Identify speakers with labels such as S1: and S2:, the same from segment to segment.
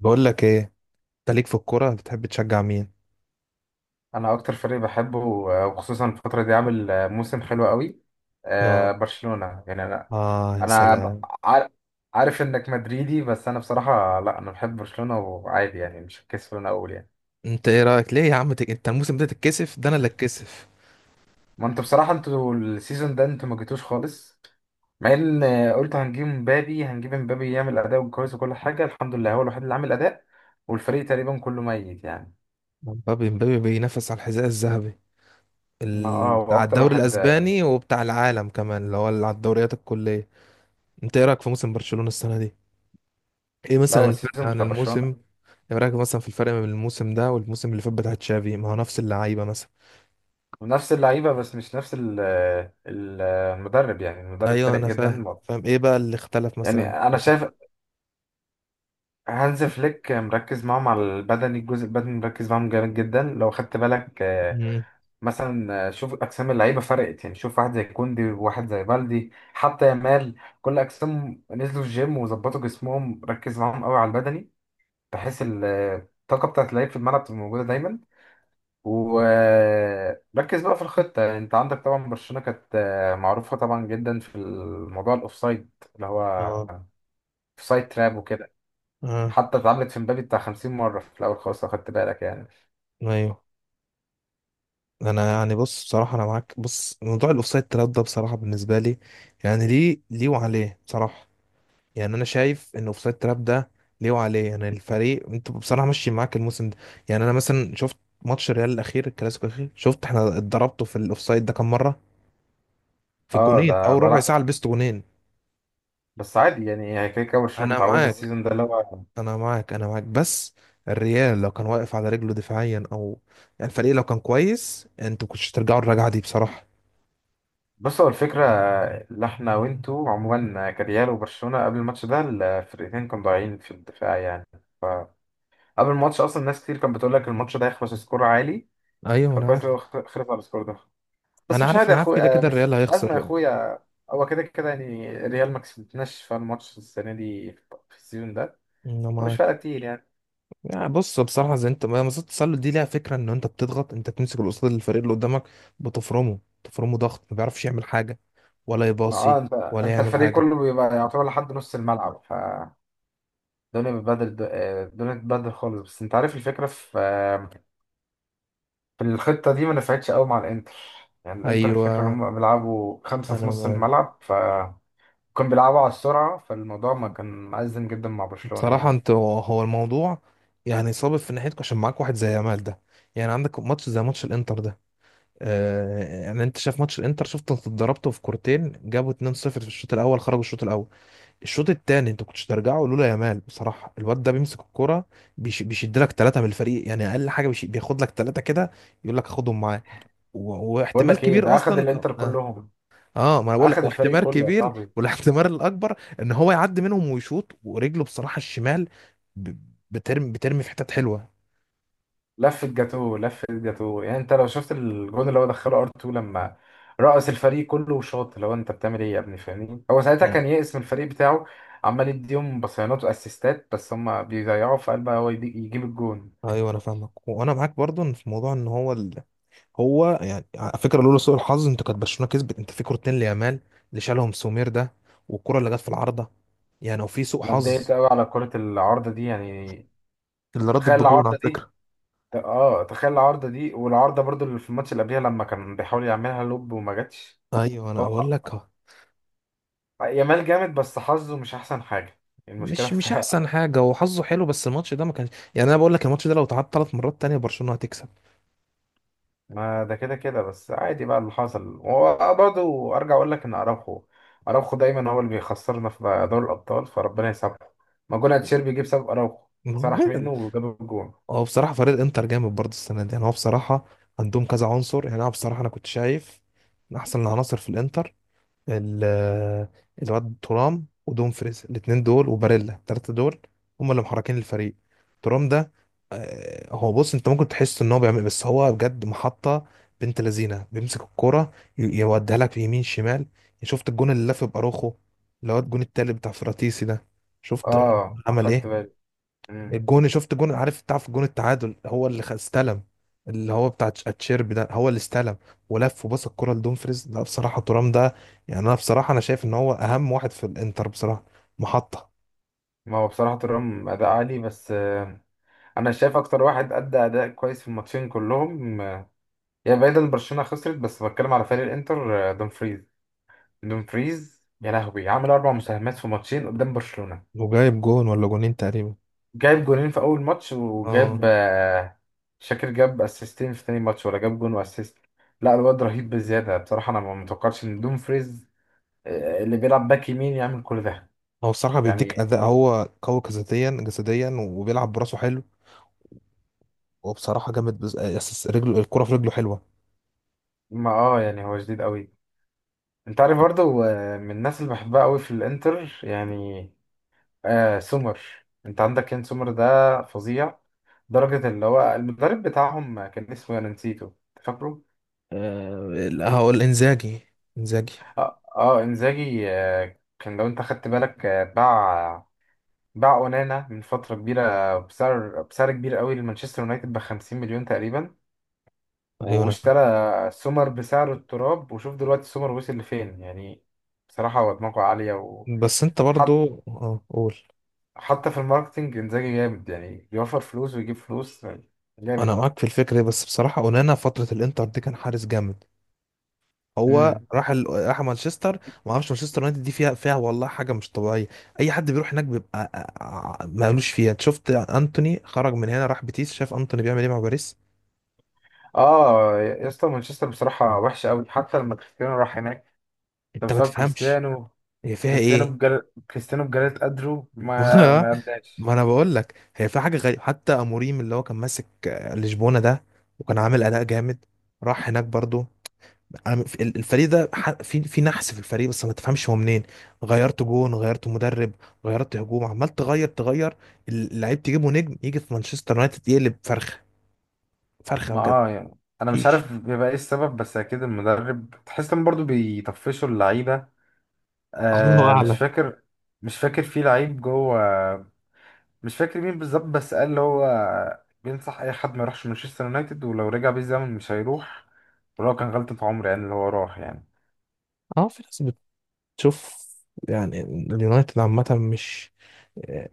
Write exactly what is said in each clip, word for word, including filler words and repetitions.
S1: بقول لك ايه، انت ليك في الكوره بتحب تشجع مين؟
S2: انا اكتر فريق بحبه، آه، وخصوصا الفتره دي عامل آه، موسم حلو قوي. آه،
S1: اه.
S2: برشلونه يعني انا.
S1: اه يا
S2: انا ب-
S1: سلام.
S2: عار- عارف انك مدريدي، بس انا بصراحه لا، انا بحب برشلونه وعادي يعني، مش هتكسف ان انا اقول يعني.
S1: انت ايه رايك ليه يا عم تك... انت الموسم ده تتكسف؟ ده انا اللي اتكسف.
S2: ما انتوا بصراحه، انتوا السيزون ده انتوا ما جيتوش خالص. مع ان آه، قلت هنجيب مبابي، هنجيب مبابي يعمل اداء كويس وكل حاجه، الحمد لله هو الوحيد اللي عامل اداء، والفريق تقريبا كله ميت يعني.
S1: مبابي مبابي بينافس على الحذاء الذهبي
S2: ما اه
S1: ال...
S2: هو
S1: بتاع
S2: اكتر
S1: الدوري
S2: واحد.
S1: الاسباني وبتاع العالم كمان، اللي هو اللي على الدوريات الكليه. انت ايه رايك في موسم برشلونه السنه دي؟ ايه
S2: لا
S1: مثلا
S2: هو
S1: الفرق
S2: السيزون
S1: عن
S2: بتاع
S1: الموسم؟
S2: برشلونه
S1: ايه رايك مثلا في الفرق بين الموسم ده والموسم اللي فات بتاع تشافي؟ ما هو نفس اللعيبه مثلا.
S2: نفس اللعيبة، بس مش نفس ال- ال- المدرب يعني، المدرب
S1: ايوه
S2: فارق
S1: انا فاهم
S2: جدا
S1: انا
S2: برضه.
S1: فاهم ايه بقى اللي اختلف مثلا
S2: يعني أنا
S1: بالنسبة
S2: شايف
S1: لك؟
S2: هانز فليك مركز معاهم على البدني، الجزء البدني مركز معاهم جامد جدا، لو خدت بالك. آه،
S1: مم.
S2: مثلا آه، شوف أجسام اللعيبة فرقت يعني. شوف واحد زي كوندي وواحد زي بالدي حتى يامال، كل أجسام نزلوا الجيم وظبطوا جسمهم، ركز معاهم قوي على البدني، بحيث ال- الطاقة بتاعت اللعيب في الملعب تبقى موجودة دايما. وركز بقى في الخطة. انت عندك طبعا برشلونة كانت آه، معروفة طبعا جدا في الموضوع الاوفسايد، اللي هو
S1: اه.
S2: اوفسايد تراب وكده.
S1: اه.
S2: حتى اتعملت في مبابي بتاع 50 مرة في الأول خالص لو خدت بالك يعني.
S1: ايوه. انا يعني بص، بصراحه انا معاك. بص موضوع الاوفسايد تراب ده بصراحه بالنسبه لي، يعني ليه ليه وعليه بصراحه. يعني انا شايف ان الاوفسايد تراب ده ليه وعليه. يعني الفريق، انت بصراحه ماشي معاك الموسم ده. يعني انا مثلا شفت ماتش الريال الاخير، الكلاسيكو الاخير، شفت احنا اتضربته في الاوفسايد ده كام مره؟ في
S2: اه
S1: الجونين
S2: ده
S1: او ربع ساعه
S2: بلا،
S1: لبست جونين.
S2: بس عادي يعني، هي كده كده برشلونة
S1: انا
S2: متعودة.
S1: معاك
S2: السيزون ده اللي هو،
S1: انا معاك انا معاك بس الريال لو كان واقف على رجله دفاعيا، او يعني الفريق لو كان كويس، انتوا كنتش ترجعوا الرجعه دي بصراحه.
S2: بص هو الفكرة، اللي احنا وانتوا عموما كريال وبرشلونة قبل الماتش ده الفرقتين كانوا ضايعين في الدفاع يعني. فقبل الماتش أصلا ناس كتير كانت بتقول لك الماتش ده هيخلص سكور عالي.
S1: ايوه انا
S2: فكويس
S1: عارف
S2: لو خ- خلص على السكور ده.
S1: انا
S2: بس مش
S1: عارف
S2: عادي يا
S1: انا عارف، كده
S2: اخويا، آه،
S1: كده
S2: مش
S1: الريال
S2: مش ازمه يا
S1: هيخسر.
S2: اخويا. هو كده كده يعني ريال ما كسبتناش في الماتش السنه دي، في السيزون ده،
S1: انا
S2: مش
S1: معاك.
S2: فارقه كتير يعني.
S1: يعني بص بصراحه، زي انت ما مصيدة التسلل دي ليها فكره، ان انت بتضغط، انت بتمسك القصاد الفريق اللي قدامك، بتفرمه تفرمه ضغط، ما بيعرفش يعمل حاجه ولا
S2: ما
S1: يباصي
S2: اه انت
S1: ولا
S2: انت
S1: يعمل
S2: الفريق
S1: حاجه.
S2: كله بيبقى يعتبر لحد نص الملعب، ف الدنيا بتبدل، آه، الدنيا بتبدل خالص. بس انت عارف الفكره في آه، في الخطه دي ما نفعتش قوي مع الانتر. يعني الانتر الفكره ان
S1: ايوه
S2: هم بيلعبوا خمسه في
S1: انا
S2: نص
S1: معاك.
S2: الملعب، ف كانوا بيلعبوا على السرعه، فالموضوع ما كان مأزم جدا مع برشلونه
S1: بصراحه
S2: يعني.
S1: انت هو الموضوع، يعني صابب في ناحيتك عشان معاك واحد زي يامال ده. يعني عندك ماتش زي ماتش الانتر ده. آه يعني انت شايف ماتش الانتر، شفت انت اتضربته في كورتين، جابوا اتنين صفر في الشوط الاول، خرجوا الشوط الاول. الشوط التاني انت كنتش ترجعه لولا يامال. بصراحه الواد ده بيمسك الكوره، بيش بيشد لك ثلاثه من الفريق. يعني اقل حاجه بيش بياخد لك ثلاثه كده، يقول لك خدهم معاه. و...
S2: بقول
S1: واحتمال
S2: لك ايه،
S1: كبير
S2: ده اخد
S1: اصلا.
S2: الانتر
S1: اه,
S2: كلهم،
S1: آه ما انا بقول
S2: اخد
S1: لك،
S2: الفريق
S1: واحتمال
S2: كله يا
S1: كبير،
S2: صاحبي.
S1: والاحتمال الاكبر ان هو يعدي منهم ويشوط ورجله بصراحه الشمال، ب... بترمي بترمي في حتت حلوه.
S2: لف الجاتو لف الجاتو يعني. انت لو شفت الجون اللي هو دخله ار تو، لما رقص الفريق كله وشاط، اللي هو انت بتعمل ايه يا ابني فاهمني. هو ساعتها
S1: آه.
S2: كان يئس من الفريق بتاعه، عمال يديهم بصيانات واسيستات بس هم بيضيعوا في قلبها، هو يدي- يجيب الجون.
S1: ايوه انا فاهمك وانا معاك برضو في موضوع ان هو هو يعني على فكره لولا سوء الحظ انت، كانت برشلونه كسبت، انت في كورتين ليامال اللي شالهم سومير ده، والكره اللي جت في العارضه. يعني وفي سوء
S2: انا اتضايقت
S1: حظ
S2: قوي على كرة العارضة دي يعني.
S1: اللي ردت
S2: تخيل
S1: بجون على
S2: العارضة دي،
S1: فكره.
S2: ت- اه تخيل العارضة دي، والعارضة برضو اللي في الماتش اللي قبلها لما كان بيحاول يعملها لوب وما جاتش.
S1: ايوه انا
S2: هو
S1: اقول
S2: ح-
S1: لك أهو.
S2: يامال جامد، بس حظه مش احسن حاجة. المشكلة
S1: مش
S2: في،
S1: مش احسن حاجه. هو حظه حلو بس الماتش ده ما كانش. يعني انا بقول لك الماتش ده لو اتعاد ثلاث مرات تانية برشلونه هتكسب.
S2: ما ده كده كده، بس عادي بقى اللي حصل. هو برضه ارجع اقول لك ان اراوخو، اراوخو دايما هو اللي بيخسرنا في دوري الابطال، فربنا يسامحه. ما جون اتشيربي جه بسبب اراوخو، سرح منه وجاب الجون.
S1: هو بصراحه فريق انتر جامد برضه السنه دي. يعني هو بصراحه عندهم كذا عنصر. يعني انا بصراحه انا كنت شايف من احسن العناصر في الانتر ال- الواد ترام ودومفريز الاتنين دول وباريلا، التلاتة دول هم اللي محركين الفريق. ترام ده آه، هو بص، انت ممكن تحس ان هو بيعمل، بس هو بجد محطة، بنت لذينة بيمسك الكرة، ي- يوديها لك في يمين شمال. شفت الجون اللي لف باروخو، اللي هو الجون التالت بتاع فراتيسي ده؟ شفت
S2: اه،
S1: عمل
S2: اخدت
S1: ايه؟
S2: بالي. مم.
S1: الجون، شفت جون، عارف تعرف جون التعادل هو اللي خ- استلم، اللي هو بتاع تش- اتشيربي ده هو اللي استلم، ولف وبص الكرة لدومفريز. لا بصراحة ترام ده، يعني انا بصراحة انا شايف ان هو اهم واحد في الانتر بصراحة. محطة.
S2: ما هو بصراحه ترام اداء عالي، بس آه، انا شايف اكتر واحد ادى اداء كويس في الماتشين كلهم، آه، يعني بعيدا عن برشلونه خسرت، بس بتكلم على فريق الانتر. آه، دومفريز، دومفريز يا لهوي عمل اربع مساهمات في ماتشين قدام برشلونه.
S1: وجايب جون ولا جونين تقريبا.
S2: جايب جونين في اول ماتش
S1: اه.
S2: وجاب آه، شاكر. جاب اسيستين في تاني ماتش ولا جاب جون واسيست. لا الواد رهيب بزياده بصراحه، انا ما متوقعتش ان دوم فريز، آه، اللي بيلعب باك يمين، يعمل كل ده.
S1: هو بصراحة بيديك
S2: يعني
S1: أداء، هو قوي جسديا، جسديا وبيلعب براسه حلو، وبصراحة جامد. بز... آه، يس- رجله الكرة في رجله حلوة.
S2: ما اه يعني هو جديد قوي. انت عارف برضه، آه، من الناس اللي بحبها قوي في الانتر يعني، آه سومر. انت عندك كان سومر ده فظيع درجة. اللي هو المدرب بتاعهم كان اسمه، انا نسيته، فاكره؟
S1: آه، هقول انزاجي. انزاجي.
S2: اه, آه انزاجي. آه كان لو انت خدت بالك، آه، باع باع اونانا من فتره كبيره بسعر بسعر كبير قوي لمانشستر يونايتد ب 50 مليون تقريبا،
S1: ايوه أنا فاهم.
S2: واشترى سومر بسعر التراب. وشوف دلوقتي سومر وصل لفين يعني. بصراحه هو دماغه عاليه. و
S1: بس انت
S2: حط
S1: برضو اه قول.
S2: حتى في الماركتنج، انزاجي جامد يعني، بيوفر فلوس ويجيب فلوس يعني،
S1: انا
S2: جامد.
S1: معاك في الفكره دي، بس بصراحه اونانا فتره الانتر دي كان حارس جامد. هو
S2: امم.
S1: راح ال... راح مانشستر. ما اعرفش مانشستر يونايتد دي فيها، فيها والله حاجه مش طبيعيه. اي حد بيروح هناك بيبقى ع- مالوش فيها. أنت شفت انتوني خرج من هنا راح بيتيس، شاف انتوني بيعمل ايه مع باريس؟
S2: اه يا اسطى مانشستر بصراحه وحشه قوي، حتى لما كريستيانو راح هناك ده
S1: انت ما
S2: بسبب
S1: تفهمش
S2: كريستيانو.
S1: هي فيها
S2: كريستيانو
S1: ايه.
S2: بجل... كريستيانو بجلد قدره ما ما اداش.
S1: ما انا بقول لك هي فيها حاجه غريبه. حتى اموريم اللي هو كان ماسك آه، لشبونه ده وكان عامل اداء جامد، راح هناك برضو. أنا في- ال- الفريق ده ح- في في نحس في الفريق بس ما تفهمش هو منين. غيرت جون، غيرت مدرب، غيرت هجوم، عمال تغير تغير. اللعيب تجيبه نجم يجي في مانشستر يونايتد يقلب فرخه، فرخه
S2: ما
S1: بجد.
S2: اه يعني انا مش
S1: مفيش.
S2: عارف بيبقى ايه السبب، بس اكيد المدرب تحس ان برضه بيطفشوا اللعيبه.
S1: الله
S2: آه مش
S1: اعلم.
S2: فاكر، مش فاكر في لعيب جوه، مش فاكر مين بالظبط، بس قال اللي هو بينصح اي حد ما يروحش مانشستر يونايتد، ولو رجع بيه الزمن مش هيروح، ولو كان غلطة عمر يعني اللي هو راح يعني.
S1: اه في ناس بتشوف. يعني اليونايتد عامة مش،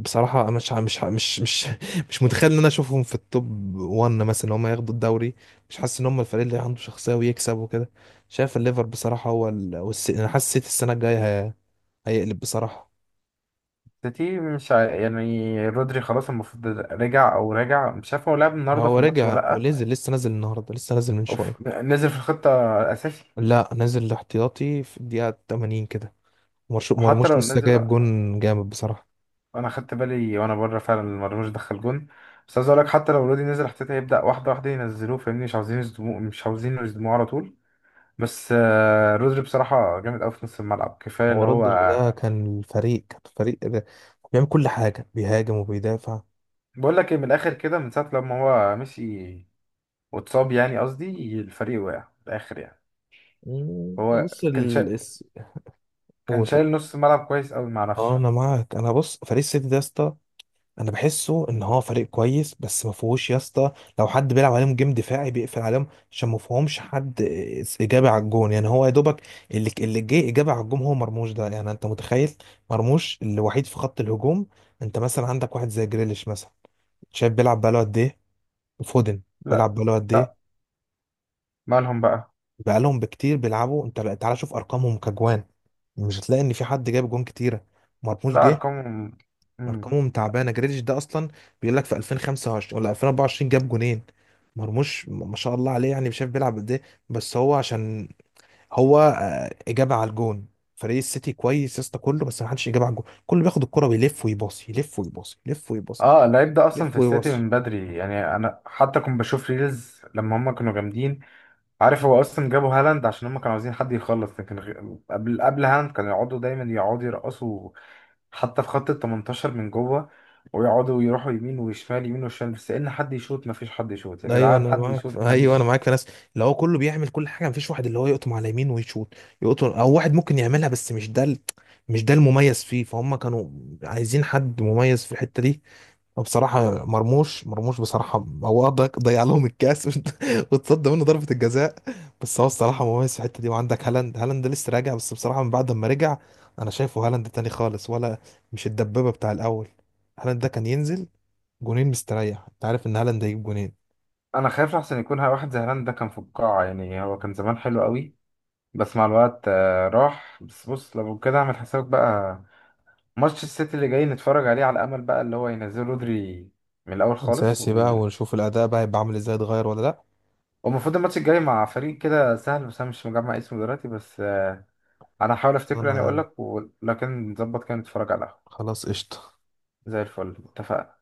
S1: بصراحة مش مش مش مش مش متخيل ان انا اشوفهم في التوب واحد مثلا، ان هم ياخدوا الدوري. مش حاسس ان هم الفريق اللي عنده شخصية ويكسب وكده. شايف الليفر بصراحة هو ال... والس... انا حاسس السيتي السنة الجاية هيقلب بصراحة.
S2: سيتي مش ع... يعني رودري خلاص المفروض رجع او راجع، مش عارف هو لعب
S1: ما
S2: النهارده في
S1: هو
S2: الماتش ولا
S1: رجع
S2: لا.
S1: ونزل، لسه نازل النهاردة، لسه نازل من
S2: أو
S1: شوية.
S2: في- نزل في الخطه اساسي.
S1: لا نازل احتياطي في الدقيقة ثمانين كده. مرش-
S2: وحتى
S1: مرموش
S2: لو
S1: لسه
S2: نزل،
S1: جايب جون جامد بصراحة.
S2: انا خدت بالي وانا بره فعلا لما مرموش دخل جون. بس عايز اقول لك حتى لو رودي نزل احتياط هيبدا واحده واحده ينزلوه، فاهمني؟ مش عاوزين يصدموه، مش عاوزين يصدموه على طول. بس آه، رودري بصراحه جامد قوي في نص الملعب، كفايه
S1: هو
S2: اللي هو.
S1: رودر ده كان الفريق، كان الفريق ده بيعمل كل حاجة، بيهاجم وبيدافع.
S2: بقول لك ايه، من الاخر كده، من ساعه لما هو مشي واتصاب، يعني قصدي الفريق وقع في الاخر يعني.
S1: مم،
S2: هو
S1: بص
S2: كان
S1: ال
S2: شا...
S1: الس-
S2: كان
S1: قول قول.
S2: شايل نص الملعب كويس قوي مع نفسه.
S1: اه انا معاك. انا بص فريق السيتي ده يا اسطى، انا بحسه ان هو فريق كويس بس ما فيهوش يا اسطى. لو حد بيلعب عليهم جيم دفاعي بيقفل عليهم، عشان ما فيهمش حد اجابه على الجون. يعني هو يا دوبك اللي اللي جه اجابه على الجون هو مرموش ده. يعني انت متخيل مرموش الوحيد في خط الهجوم؟ انت مثلا عندك واحد زي جريليش مثلا، شايف بيلعب بقاله قد ايه؟ وفودن
S2: لا
S1: بيلعب بقاله قد
S2: لا،
S1: ايه؟
S2: مالهم بقى؟
S1: بقالهم بكتير بيلعبوا. انت لا- تعالى شوف ارقامهم كجوان، مش هتلاقي ان في حد جايب جون كتيره. مرموش
S2: لا،
S1: جه.
S2: ارقامهم.
S1: ارقامهم تعبانه. جريليش ده اصلا بيقول لك في ألفين وخمسة وعشرين ولا ألفين واربعه وعشرين جاب جونين. مرموش م- ما شاء الله عليه، يعني مش عارف بيلعب قد ايه. بس هو عشان هو آه، اجابه على الجون. فريق السيتي كويس يا اسطى كله، بس ما حدش اجابه على الجون، كله بياخد الكره ويلف ويباصي، يلف ويباصي يلف ويباصي
S2: اه، اللعيب ده اصلا
S1: يلف
S2: في السيتي
S1: ويباصي.
S2: من بدري يعني، انا حتى كنت بشوف ريلز لما هم كانوا جامدين. عارف هو اصلا جابوا هالاند عشان هم كانوا عاوزين حد يخلص، لكن غ- قبل قبل هالاند كانوا يقعدوا دايما يقعدوا يرقصوا. حتى في خط ال تمنتاشر من جوه، ويقعدوا يروحوا يمين وشمال يمين وشمال، بس ان حد يشوط ما فيش. حد يشوط يا
S1: ايوه
S2: جدعان،
S1: انا
S2: حد
S1: معاك
S2: يشوط
S1: في-
S2: ما
S1: ايوه انا
S2: حدش.
S1: معاك في ناس اللي هو كله بيعمل كل حاجه، مفيش واحد اللي هو يقطم على يمين ويشوط، يقطم. او واحد ممكن يعملها بس مش ده ال- مش ده المميز فيه، فهم كانوا عايزين حد مميز في الحته دي. وبصراحة مرموش، مرموش بصراحة هو آه، ضيع ضيع لهم الكاس وت- واتصدى منه ضربة الجزاء. بس هو الصراحة مميز في الحتة دي. وعندك هالاند، هالاند لسه راجع بس بصراحة من بعد ما رجع أنا شايفه هالاند تاني خالص، ولا مش الدبابة بتاع الأول. هالاند ده كان ينزل جونين مستريح، أنت عارف إن هالاند هيجيب جونين.
S2: انا خايف احسن يكون واحد زي هالاند ده كان في القاعة يعني، هو كان زمان حلو قوي بس مع الوقت آه، راح. بس بص، لو كده اعمل حسابك بقى، ماتش السيتي اللي جاي نتفرج عليه على امل بقى اللي هو ينزل رودري من الاول خالص
S1: أساسي بقى،
S2: وم-
S1: ونشوف الأداء بقى هيبقى عامل إزاي، اتغير ولا لأ.
S2: والمفروض الماتش الجاي مع فريق كده سهل، بس انا مش مجمع اسمه دلوقتي، بس آه، انا هحاول افتكره
S1: أنا
S2: يعني
S1: يا
S2: اقول
S1: عم
S2: لك، ولكن نظبط كده نتفرج على القهوة
S1: خلاص قشطة.
S2: زي الفل، اتفقنا.